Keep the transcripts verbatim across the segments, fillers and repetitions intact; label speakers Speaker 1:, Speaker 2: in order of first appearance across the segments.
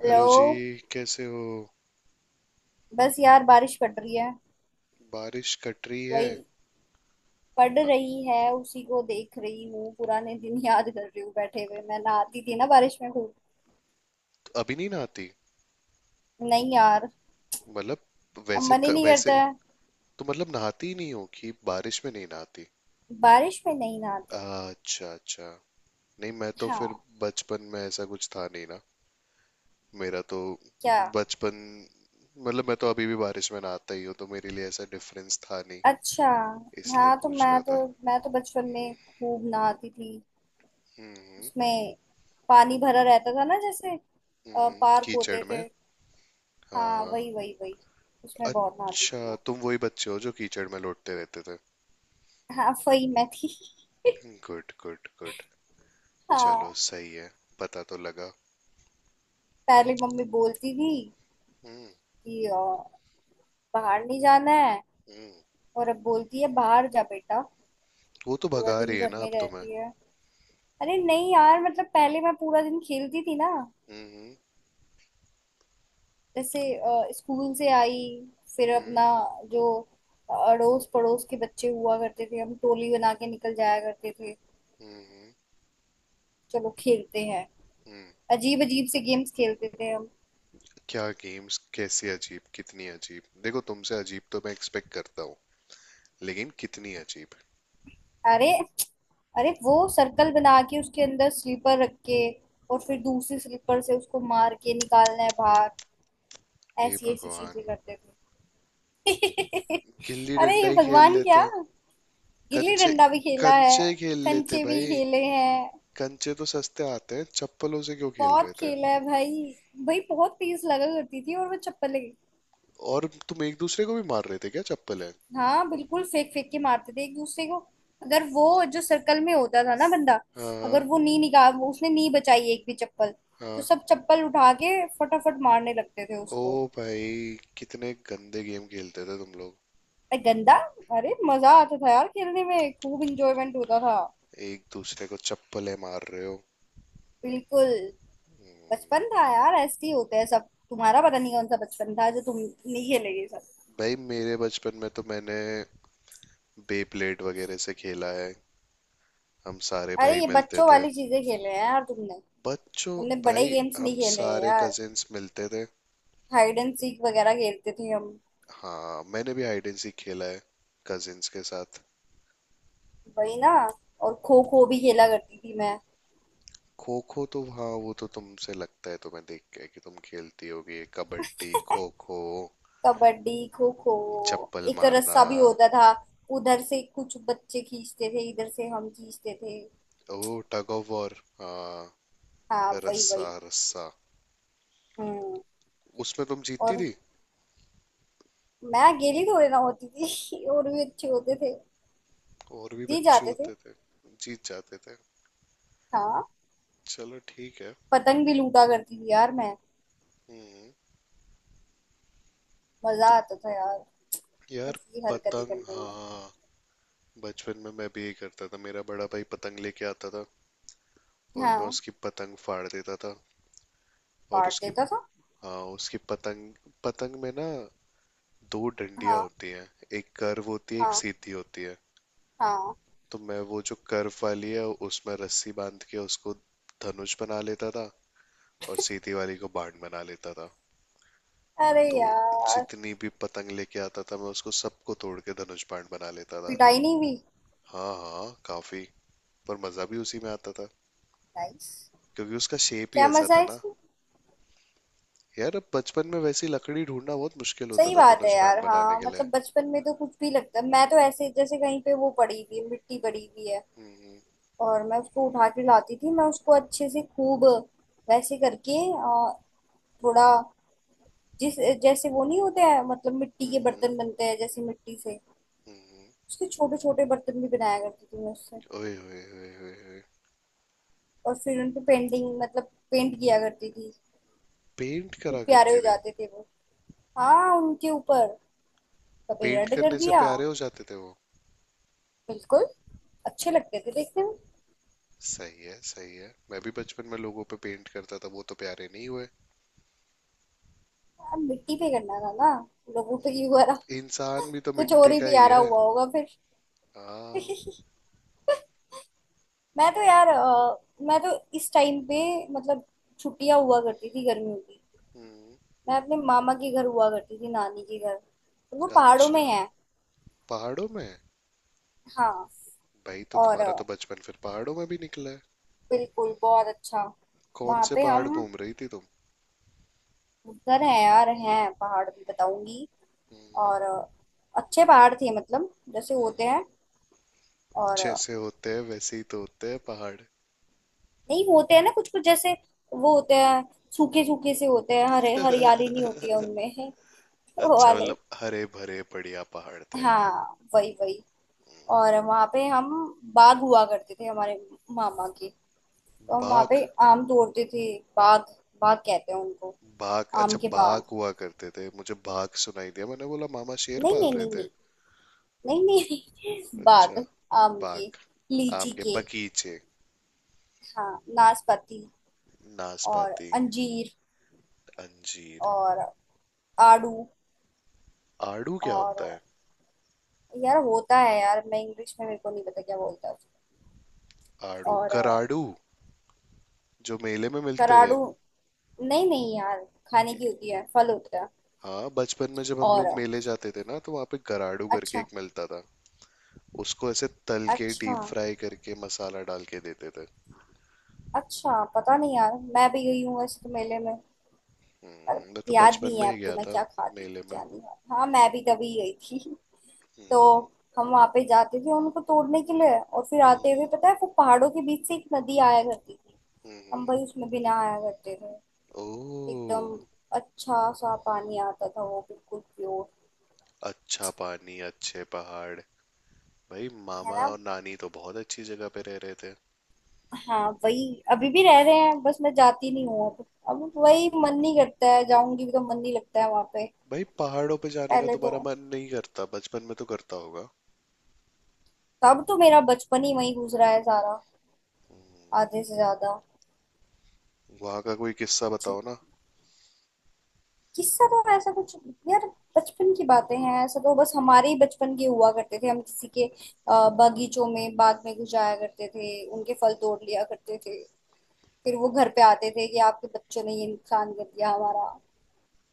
Speaker 1: Hello.
Speaker 2: Hello जी। कैसे हो?
Speaker 1: बस यार बारिश पड़ रही है।
Speaker 2: बारिश कट रही है।
Speaker 1: वही पड़ रही है, उसी को देख रही हूँ। पुराने दिन याद कर रही हूँ। बैठे हुए मैं नहाती थी ना बारिश में खूब।
Speaker 2: अभी नहीं नहाती?
Speaker 1: नहीं यार,
Speaker 2: मतलब
Speaker 1: अब
Speaker 2: वैसे
Speaker 1: मन ही
Speaker 2: क,
Speaker 1: नहीं
Speaker 2: वैसे
Speaker 1: करता है।
Speaker 2: तो मतलब नहाती ही नहीं हो कि बारिश में नहीं नहाती?
Speaker 1: बारिश में नहीं नहाती।
Speaker 2: अच्छा अच्छा। नहीं, मैं तो फिर
Speaker 1: हाँ।
Speaker 2: बचपन में ऐसा कुछ था नहीं ना, मेरा तो
Speaker 1: क्या?
Speaker 2: बचपन। मतलब मैं तो अभी भी बारिश में नहाता ही हूँ, तो मेरे लिए ऐसा डिफरेंस था नहीं,
Speaker 1: अच्छा।
Speaker 2: इसलिए
Speaker 1: हाँ, तो
Speaker 2: पूछ
Speaker 1: मैं
Speaker 2: रहा
Speaker 1: तो
Speaker 2: था।
Speaker 1: मैं तो बचपन में खूब नहाती थी।
Speaker 2: हम्म।
Speaker 1: उसमें पानी भरा रहता था ना, जैसे अ,
Speaker 2: हम्म,
Speaker 1: पार्क
Speaker 2: कीचड़
Speaker 1: होते थे।
Speaker 2: में। हाँ
Speaker 1: हाँ,
Speaker 2: हाँ।
Speaker 1: वही वही वही। उसमें बहुत नहाती
Speaker 2: अच्छा,
Speaker 1: थी मैं।
Speaker 2: तुम वही बच्चे हो जो कीचड़ में लौटते रहते थे।
Speaker 1: हाँ, वही मैं थी।
Speaker 2: Good good good. चलो
Speaker 1: हाँ।
Speaker 2: सही है, पता तो लगा।
Speaker 1: पहले मम्मी बोलती थी
Speaker 2: हम्म।
Speaker 1: कि अ, बाहर नहीं जाना है।
Speaker 2: हम्म।
Speaker 1: और अब बोलती है बाहर जा बेटा,
Speaker 2: वो तो
Speaker 1: पूरा
Speaker 2: भगा
Speaker 1: दिन
Speaker 2: रही है
Speaker 1: घर
Speaker 2: ना,
Speaker 1: में
Speaker 2: अब तो मैं।
Speaker 1: रहती है। अरे नहीं यार, मतलब पहले मैं पूरा दिन खेलती थी ना।
Speaker 2: हम्म।
Speaker 1: जैसे अ, स्कूल से आई, फिर
Speaker 2: हम्म।
Speaker 1: अपना जो अड़ोस पड़ोस के बच्चे हुआ करते थे, हम टोली बना के निकल जाया करते थे।
Speaker 2: हम्म। हम्म।
Speaker 1: चलो खेलते हैं।
Speaker 2: हम्म।
Speaker 1: अजीब अजीब से गेम्स खेलते थे हम।
Speaker 2: क्या गेम्स? कैसी अजीब? कितनी अजीब? देखो, तुमसे अजीब तो मैं एक्सपेक्ट करता हूँ, लेकिन कितनी अजीब?
Speaker 1: अरे, अरे वो सर्कल बना के, उसके अंदर स्लीपर रख के, और फिर दूसरी स्लीपर से उसको मार के निकालना है बाहर।
Speaker 2: हे
Speaker 1: ऐसी ऐसी चीजें
Speaker 2: भगवान।
Speaker 1: करते थे।
Speaker 2: गिल्ली
Speaker 1: अरे
Speaker 2: डंडा
Speaker 1: ये
Speaker 2: ही खेल
Speaker 1: भगवान क्या।
Speaker 2: लेते।
Speaker 1: गिल्ली
Speaker 2: कंचे।
Speaker 1: डंडा भी खेला है।
Speaker 2: कंचे खेल लेते
Speaker 1: कंचे भी
Speaker 2: भाई।
Speaker 1: खेले हैं।
Speaker 2: कंचे तो सस्ते आते हैं, चप्पलों से क्यों खेल
Speaker 1: बहुत
Speaker 2: रहे थे?
Speaker 1: खेला है भाई। भाई बहुत तेज लगा करती थी और वो चप्पलें।
Speaker 2: और तुम एक दूसरे को भी मार रहे थे क्या, चप्पल है?
Speaker 1: हाँ बिल्कुल, फेंक फेंक के मारते थे एक दूसरे को। अगर वो जो सर्कल में होता था ना बंदा, अगर
Speaker 2: हाँ
Speaker 1: वो नी निकाल उसने नी बचाई एक भी चप्पल, तो
Speaker 2: हाँ।
Speaker 1: सब चप्पल उठा के फटाफट मारने लगते थे
Speaker 2: ओ
Speaker 1: उसको।
Speaker 2: भाई, कितने गंदे गेम खेलते थे तुम लोग।
Speaker 1: अरे गंदा? अरे मजा आता था यार, खेलने में खूब इंजॉयमेंट होता था।
Speaker 2: एक दूसरे को चप्पलें मार रहे हो।
Speaker 1: बिल्कुल। बचपन था यार, ऐसे ही होते हैं सब। तुम्हारा पता नहीं कौन सा बचपन था जो तुम नहीं खेले ये सब।
Speaker 2: भाई, मेरे बचपन में तो मैंने बेब्लेड वगैरह से खेला है। हम सारे
Speaker 1: अरे
Speaker 2: भाई
Speaker 1: ये
Speaker 2: मिलते
Speaker 1: बच्चों
Speaker 2: थे।
Speaker 1: वाली चीजें खेले हैं यार तुमने।
Speaker 2: बच्चों।
Speaker 1: तुमने बड़े
Speaker 2: भाई,
Speaker 1: गेम्स
Speaker 2: हम
Speaker 1: नहीं खेले हैं
Speaker 2: सारे
Speaker 1: यार।
Speaker 2: कजिन्स मिलते थे।
Speaker 1: हाइड एंड सीक वगैरह खेलते थे हम।
Speaker 2: हाँ, मैंने भी हाइड एंड सीक खेला है, कजिन्स के साथ।
Speaker 1: वही ना। और खो खो भी खेला करती थी मैं।
Speaker 2: खो खो, तो हाँ, वो तो तुमसे लगता है, तुम्हें देख के कि तुम खेलती होगी कबड्डी खो खो,
Speaker 1: कबड्डी, खो खो।
Speaker 2: चप्पल
Speaker 1: एक
Speaker 2: मारना।
Speaker 1: रस्सा भी होता था, उधर से कुछ बच्चे खींचते थे, इधर से हम खींचते थे।
Speaker 2: ओ, टग ऑफ वॉर। हाँ।
Speaker 1: हाँ वही
Speaker 2: रस्सा
Speaker 1: वही।
Speaker 2: रस्सा।
Speaker 1: हम्म।
Speaker 2: उसमें तुम जीतती
Speaker 1: और
Speaker 2: थी?
Speaker 1: मैं अकेली थोड़ी ना होती थी और भी अच्छे होते थे।
Speaker 2: और भी
Speaker 1: जी
Speaker 2: बच्चे
Speaker 1: जाते थे।
Speaker 2: होते थे? जीत जाते थे।
Speaker 1: हाँ।
Speaker 2: चलो ठीक है।
Speaker 1: पतंग भी लूटा करती थी यार मैं।
Speaker 2: हम्म।
Speaker 1: मजा
Speaker 2: तो
Speaker 1: आता था यार,
Speaker 2: यार,
Speaker 1: बस ये हरकतें
Speaker 2: पतंग,
Speaker 1: करने में।
Speaker 2: हाँ। बचपन में मैं भी यही करता था, मेरा बड़ा भाई पतंग लेके आता था, और मैं
Speaker 1: हाँ,
Speaker 2: उसकी पतंग फाड़ देता था। और
Speaker 1: काट
Speaker 2: उसकी,
Speaker 1: देता था।
Speaker 2: हाँ उसकी पतंग, पतंग में ना दो डंडियां
Speaker 1: हाँ
Speaker 2: होती हैं। एक कर्व होती है, एक
Speaker 1: हाँ।
Speaker 2: सीधी होती है।
Speaker 1: हाँ,
Speaker 2: तो मैं वो जो कर्व वाली है उसमें रस्सी बांध के उसको धनुष बना लेता था, और सीधी वाली को बाण बना लेता था।
Speaker 1: अरे
Speaker 2: तो
Speaker 1: यार।
Speaker 2: जितनी भी पतंग लेके आता था, मैं उसको सबको तोड़ के धनुष बाण बना लेता था।
Speaker 1: पिटाई नहीं हुई?
Speaker 2: हाँ हाँ, काफी। पर मजा भी उसी में आता था,
Speaker 1: नाइस।
Speaker 2: क्योंकि उसका शेप ही
Speaker 1: क्या
Speaker 2: ऐसा
Speaker 1: मजा
Speaker 2: था
Speaker 1: है
Speaker 2: ना।
Speaker 1: इसमें।
Speaker 2: यार, अब बचपन में वैसी लकड़ी ढूंढना बहुत मुश्किल होता
Speaker 1: सही
Speaker 2: था
Speaker 1: बात है
Speaker 2: धनुष
Speaker 1: यार,
Speaker 2: बाण बनाने
Speaker 1: हाँ।
Speaker 2: के लिए।
Speaker 1: मतलब बचपन में तो कुछ भी लगता है। मैं तो ऐसे जैसे कहीं पे वो पड़ी हुई है, मिट्टी पड़ी हुई है,
Speaker 2: हम्म।
Speaker 1: और मैं उसको उठा के लाती थी। मैं उसको अच्छे से खूब वैसे करके अ, थोड़ा जिस जैसे वो नहीं होते हैं, मतलब मिट्टी के
Speaker 2: हम्म।
Speaker 1: बर्तन बनते हैं जैसे मिट्टी से,
Speaker 2: हम्म,
Speaker 1: उसके छोटे छोटे बर्तन भी बनाया करती थी मैं उससे।
Speaker 2: ओए ओए ओए ओए ओए।
Speaker 1: और फिर उन पे पेंटिंग मतलब पेंट किया करती थी।
Speaker 2: पेंट
Speaker 1: फिर
Speaker 2: करा
Speaker 1: प्यारे
Speaker 2: करते
Speaker 1: हो
Speaker 2: थे।
Speaker 1: जाते थे वो। हाँ उनके ऊपर कभी
Speaker 2: पेंट
Speaker 1: रेड कर
Speaker 2: करने से
Speaker 1: दिया।
Speaker 2: प्यारे हो जाते थे वो?
Speaker 1: बिल्कुल, अच्छे लगते थे देखने में।
Speaker 2: सही है सही है, मैं भी बचपन में लोगों पे पेंट करता था, वो तो प्यारे नहीं हुए।
Speaker 1: अब मिट्टी पे करना था ना, लोगों पे क्यों करा।
Speaker 2: इंसान भी तो
Speaker 1: कुछ और
Speaker 2: मिट्टी
Speaker 1: ही
Speaker 2: का ही
Speaker 1: प्यारा
Speaker 2: है।
Speaker 1: हुआ होगा फिर।
Speaker 2: हाँ।
Speaker 1: मैं तो यार अ, मैं तो इस टाइम पे मतलब छुट्टियां हुआ करती थी गर्मियों की।
Speaker 2: हम्म।
Speaker 1: मैं अपने मामा के घर हुआ करती थी, नानी के घर, और वो पहाड़ों में
Speaker 2: अच्छा,
Speaker 1: है।
Speaker 2: पहाड़ों में।
Speaker 1: हाँ।
Speaker 2: भाई, तो
Speaker 1: और
Speaker 2: तुम्हारा
Speaker 1: अ,
Speaker 2: तो बचपन फिर पहाड़ों में भी निकला है।
Speaker 1: बिल्कुल बहुत अच्छा।
Speaker 2: कौन
Speaker 1: वहां
Speaker 2: से
Speaker 1: पे
Speaker 2: पहाड़
Speaker 1: हम
Speaker 2: घूम रही थी तुम?
Speaker 1: उधर हैं यार, हैं पहाड़ भी, बताऊंगी।
Speaker 2: हम्म।
Speaker 1: और अ, अच्छे पहाड़ थे, मतलब जैसे होते हैं। और अ,
Speaker 2: जैसे होते हैं वैसे ही तो होते हैं पहाड़।
Speaker 1: नहीं होते हैं ना कुछ कुछ जैसे वो होते हैं सूखे सूखे से, होते हैं हरे, हरियाली नहीं होती है उनमें वो
Speaker 2: अच्छा,
Speaker 1: वाले।
Speaker 2: मतलब हरे भरे बढ़िया पहाड़ थे।
Speaker 1: हाँ वही वही। और वहां पे हम बाग हुआ करते थे हमारे मामा के, तो हम वहां
Speaker 2: बाघ?
Speaker 1: पे आम तोड़ते थे। बाग। बाग कहते हैं उनको।
Speaker 2: बाघ,
Speaker 1: आम
Speaker 2: अच्छा।
Speaker 1: के
Speaker 2: बाघ
Speaker 1: बाग।
Speaker 2: हुआ करते थे, मुझे बाघ सुनाई दिया, मैंने बोला मामा शेर
Speaker 1: नहीं
Speaker 2: पाल
Speaker 1: नहीं
Speaker 2: रहे
Speaker 1: नहीं
Speaker 2: थे।
Speaker 1: नहीं, नहीं नहीं नहीं,
Speaker 2: अच्छा।
Speaker 1: बाग। आम
Speaker 2: बाघ।
Speaker 1: के,
Speaker 2: आम
Speaker 1: लीची
Speaker 2: के
Speaker 1: के।
Speaker 2: बगीचे।
Speaker 1: हाँ, नाशपाती। और
Speaker 2: नाशपाती।
Speaker 1: अंजीर।
Speaker 2: अंजीर।
Speaker 1: और आड़ू।
Speaker 2: आड़ू क्या
Speaker 1: और
Speaker 2: होता है?
Speaker 1: यार होता है यार, मैं इंग्लिश में मेरे को नहीं पता क्या बोलता है उसको।
Speaker 2: आड़ू
Speaker 1: और अ,
Speaker 2: गराड़ू, जो मेले में मिलते थे।
Speaker 1: कराड़ू, नहीं नहीं यार, खाने की होती है, फल होता है।
Speaker 2: हाँ, बचपन में जब हम
Speaker 1: और
Speaker 2: लोग
Speaker 1: अ,
Speaker 2: मेले जाते थे ना, तो वहाँ पे गराडू करके
Speaker 1: अच्छा।
Speaker 2: एक मिलता था। उसको ऐसे तल के
Speaker 1: अच्छा,
Speaker 2: डीप फ्राई करके मसाला डाल के देते थे।
Speaker 1: अच्छा पता नहीं यार, मैं भी गई हूँ ऐसे तो मेले में। पर
Speaker 2: हम्म, मैं तो
Speaker 1: याद
Speaker 2: बचपन
Speaker 1: नहीं
Speaker 2: में
Speaker 1: है
Speaker 2: ही
Speaker 1: अब तो,
Speaker 2: गया
Speaker 1: मैं
Speaker 2: था
Speaker 1: क्या खाती थी
Speaker 2: मेले में।
Speaker 1: क्या नहीं। हाँ, मैं भी तभी गई थी।
Speaker 2: हम्म।
Speaker 1: तो हम वहां पे जाते थे उनको तोड़ने के लिए, और फिर आते हुए
Speaker 2: हम्म।
Speaker 1: पता है वो पहाड़ों के बीच से एक नदी आया करती थी।
Speaker 2: हम्म,
Speaker 1: हम
Speaker 2: हम्म।
Speaker 1: भाई उसमें भी ना आया करते थे।
Speaker 2: ओह।
Speaker 1: एकदम अच्छा सा पानी आता था, वो बिल्कुल प्योर।
Speaker 2: अच्छा पानी, अच्छे पहाड़। भाई,
Speaker 1: है
Speaker 2: मामा
Speaker 1: ना।
Speaker 2: और नानी तो बहुत अच्छी जगह पे रह रहे थे।
Speaker 1: हाँ वही, अभी भी रह रहे हैं। बस मैं जाती नहीं हूँ अब अब वही मन नहीं करता है, जाऊंगी भी तो मन नहीं लगता है वहां पे।
Speaker 2: भाई, पहाड़ों पे जाने का
Speaker 1: पहले
Speaker 2: तुम्हारा
Speaker 1: तो,
Speaker 2: मन नहीं करता? बचपन में तो करता होगा।
Speaker 1: तब तो मेरा बचपन ही वही गुजरा है सारा, आधे से ज्यादा।
Speaker 2: वहाँ का कोई किस्सा बताओ ना।
Speaker 1: किस्सा तो ऐसा कुछ, यार बचपन की बातें हैं, ऐसा तो बस हमारे ही बचपन के हुआ करते थे। हम किसी के अ, बागीचों में, बाग में घुस जाया करते थे, उनके फल तोड़ लिया करते थे। फिर वो घर पे आते थे कि आपके बच्चों ने ये नुकसान कर दिया हमारा,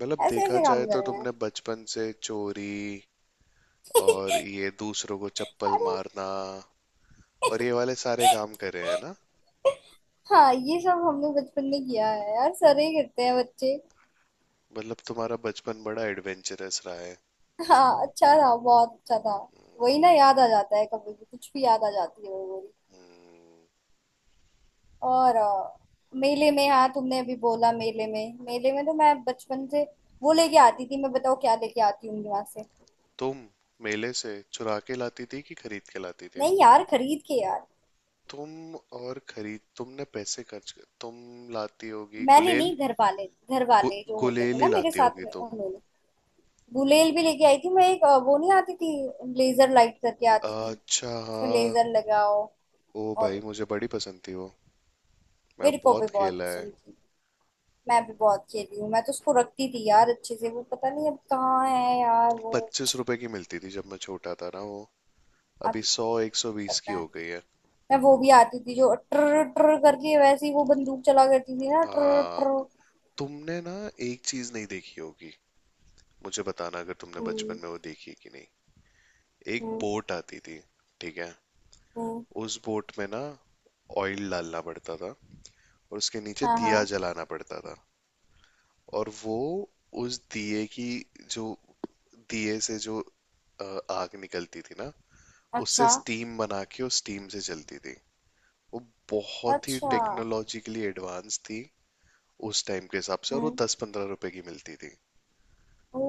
Speaker 2: मतलब
Speaker 1: ऐसे
Speaker 2: देखा
Speaker 1: ऐसे काम
Speaker 2: जाए
Speaker 1: कर
Speaker 2: तो
Speaker 1: रहे हैं।
Speaker 2: तुमने बचपन से चोरी, और ये दूसरों को चप्पल
Speaker 1: अरे,
Speaker 2: मारना, और ये वाले सारे काम करे हैं ना?
Speaker 1: हाँ ये सब हमने बचपन में किया है यार, सारे ही करते हैं बच्चे।
Speaker 2: मतलब तुम्हारा बचपन बड़ा एडवेंचरस रहा है।
Speaker 1: हाँ अच्छा था, बहुत अच्छा था। वही ना, याद आ जाता है, कभी भी कुछ भी याद आ जाती है वो। और अ, मेले में, हाँ तुमने अभी बोला मेले में, मेले में तो मैं बचपन से वो लेके आती थी। मैं बताओ क्या लेके आती हूँ वहां से।
Speaker 2: तुम मेले से चुरा के लाती थी कि खरीद के लाती थी?
Speaker 1: नहीं यार, खरीद के यार।
Speaker 2: तुम और खरीद, तुमने पैसे खर्च कर, तुम लाती होगी
Speaker 1: मैंने
Speaker 2: गुलेल।
Speaker 1: नहीं, घर वाले, घर
Speaker 2: गु,
Speaker 1: वाले जो होते थे
Speaker 2: गुलेल
Speaker 1: ना
Speaker 2: ही
Speaker 1: मेरे
Speaker 2: लाती
Speaker 1: साथ
Speaker 2: होगी
Speaker 1: में,
Speaker 2: तुम।
Speaker 1: उन्होंने। गुलेल भी लेके आई थी मैं एक। अ, वो नहीं आती थी लेजर लाइट करके आती थी,
Speaker 2: अच्छा
Speaker 1: उसमें
Speaker 2: हाँ।
Speaker 1: लेजर लगाओ।
Speaker 2: ओ भाई,
Speaker 1: और
Speaker 2: मुझे बड़ी पसंद थी वो। मैं
Speaker 1: मेरे को भी
Speaker 2: बहुत
Speaker 1: बहुत
Speaker 2: खेला है।
Speaker 1: पसंद थी। मैं भी बहुत खेली हूँ, मैं तो उसको रखती थी यार अच्छे से, वो पता नहीं अब कहाँ है यार वो।
Speaker 2: पच्चीस रुपए की मिलती थी जब मैं छोटा था ना वो। अभी
Speaker 1: अब
Speaker 2: सौ, एक सौ बीस की
Speaker 1: पता
Speaker 2: हो
Speaker 1: नहीं।
Speaker 2: गई है।
Speaker 1: मैं वो भी आती थी जो ट्र ट्र करके, वैसे ही वो बंदूक चला करती थी ना, ट्र
Speaker 2: हाँ।
Speaker 1: ट्र।
Speaker 2: तुमने ना एक चीज नहीं देखी होगी, मुझे बताना अगर तुमने बचपन
Speaker 1: हम्म।
Speaker 2: में वो देखी है कि नहीं। एक
Speaker 1: हम्म।
Speaker 2: बोट आती थी। ठीक है?
Speaker 1: हम्म।
Speaker 2: उस बोट में ना ऑयल डालना पड़ता था, और उसके नीचे
Speaker 1: हाँ
Speaker 2: दिया
Speaker 1: हाँ।
Speaker 2: जलाना पड़ता था। और वो, उस दिए की, जो दिए से जो अ, आग निकलती थी ना, उससे
Speaker 1: अच्छा।
Speaker 2: स्टीम बना के उस स्टीम से चलती थी वो। बहुत ही
Speaker 1: अच्छा।
Speaker 2: टेक्नोलॉजिकली एडवांस थी उस टाइम के हिसाब से, और वो
Speaker 1: हम्म।
Speaker 2: दस पंद्रह रुपए की मिलती थी।
Speaker 1: ओ,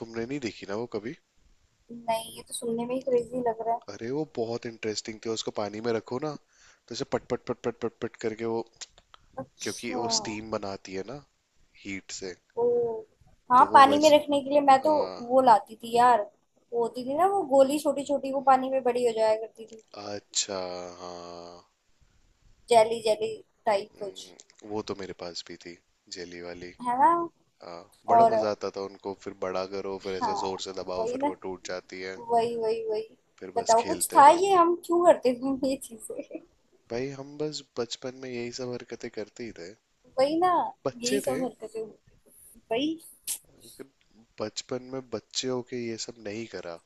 Speaker 2: तुमने नहीं देखी ना वो कभी?
Speaker 1: नहीं ये तो सुनने में ही क्रेजी लग रहा है।
Speaker 2: अरे वो बहुत इंटरेस्टिंग थी, उसको पानी में रखो ना, तो उसे पट पट पट पट पट पट करके वो, क्योंकि
Speaker 1: अच्छा।
Speaker 2: वो स्टीम बनाती है ना हीट से।
Speaker 1: ओ,
Speaker 2: तो
Speaker 1: हाँ
Speaker 2: वो
Speaker 1: पानी में
Speaker 2: वैसे,
Speaker 1: रखने के लिए, मैं तो
Speaker 2: हाँ।
Speaker 1: वो लाती थी यार। वो होती थी ना वो गोली, छोटी छोटी, वो पानी में बड़ी हो जाया करती थी।
Speaker 2: अच्छा हाँ।
Speaker 1: जेली जेली टाइप कुछ।
Speaker 2: हम्म, वो तो मेरे पास भी थी, जेली वाली।
Speaker 1: है ना।
Speaker 2: हाँ। बड़ा
Speaker 1: और
Speaker 2: मजा आता था, उनको फिर बड़ा करो, फिर ऐसे जोर
Speaker 1: हाँ,
Speaker 2: से दबाओ,
Speaker 1: वही
Speaker 2: फिर
Speaker 1: ना,
Speaker 2: वो टूट जाती है।
Speaker 1: वही वही वही।
Speaker 2: फिर बस
Speaker 1: बताओ, कुछ
Speaker 2: खेलते
Speaker 1: था
Speaker 2: रहो।
Speaker 1: ये, हम क्यों करते थे ये चीजें।
Speaker 2: भाई, हम बस बचपन में यही सब हरकतें करते ही थे,
Speaker 1: वही ना।
Speaker 2: बच्चे
Speaker 1: यही
Speaker 2: थे।
Speaker 1: सब हरकतें होती थी वही।
Speaker 2: फिर बचपन में बच्चे होके ये सब नहीं करा,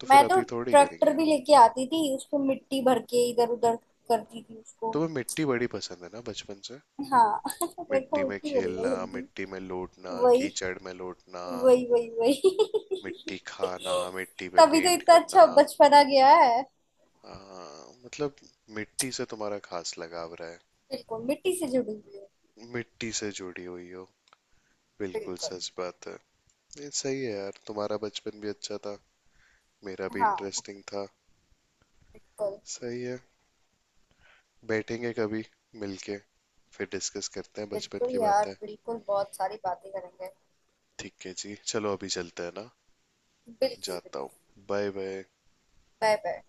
Speaker 2: तो फिर
Speaker 1: मैं तो
Speaker 2: अभी थोड़ी
Speaker 1: ट्रैक्टर
Speaker 2: करेंगे?
Speaker 1: भी लेके आती थी, उसको मिट्टी भर के इधर उधर करती थी उसको।
Speaker 2: तुम्हें मिट्टी बड़ी पसंद है ना बचपन से।
Speaker 1: हाँ मेरे को
Speaker 2: मिट्टी में
Speaker 1: मिट्टी बड़ी
Speaker 2: खेलना,
Speaker 1: पसंद
Speaker 2: मिट्टी
Speaker 1: थी।
Speaker 2: में लौटना,
Speaker 1: वही,
Speaker 2: कीचड़ में लौटना,
Speaker 1: वही वही वही।
Speaker 2: मिट्टी खाना, मिट्टी पे
Speaker 1: तभी तो
Speaker 2: पेंट
Speaker 1: इतना
Speaker 2: करना।
Speaker 1: अच्छा बचपना गया है।
Speaker 2: हाँ, मतलब मिट्टी से तुम्हारा खास लगाव रहा
Speaker 1: बिल्कुल मिट्टी से जुड़ी हुई है।
Speaker 2: है। मिट्टी से जुड़ी हुई हो, बिल्कुल
Speaker 1: बिल्कुल।
Speaker 2: सच बात है। ये सही है यार, तुम्हारा बचपन भी अच्छा था, मेरा भी
Speaker 1: हाँ,
Speaker 2: इंटरेस्टिंग था।
Speaker 1: बिल्कुल।
Speaker 2: सही है। बैठेंगे कभी मिलके, फिर डिस्कस करते हैं बचपन
Speaker 1: बिल्कुल
Speaker 2: की
Speaker 1: यार,
Speaker 2: बातें।
Speaker 1: बिल्कुल बहुत सारी बातें करेंगे।
Speaker 2: ठीक है जी, चलो अभी चलते हैं ना।
Speaker 1: बिल्कुल बिल्कुल।
Speaker 2: जाता हूँ। Bye bye.
Speaker 1: Bye bye.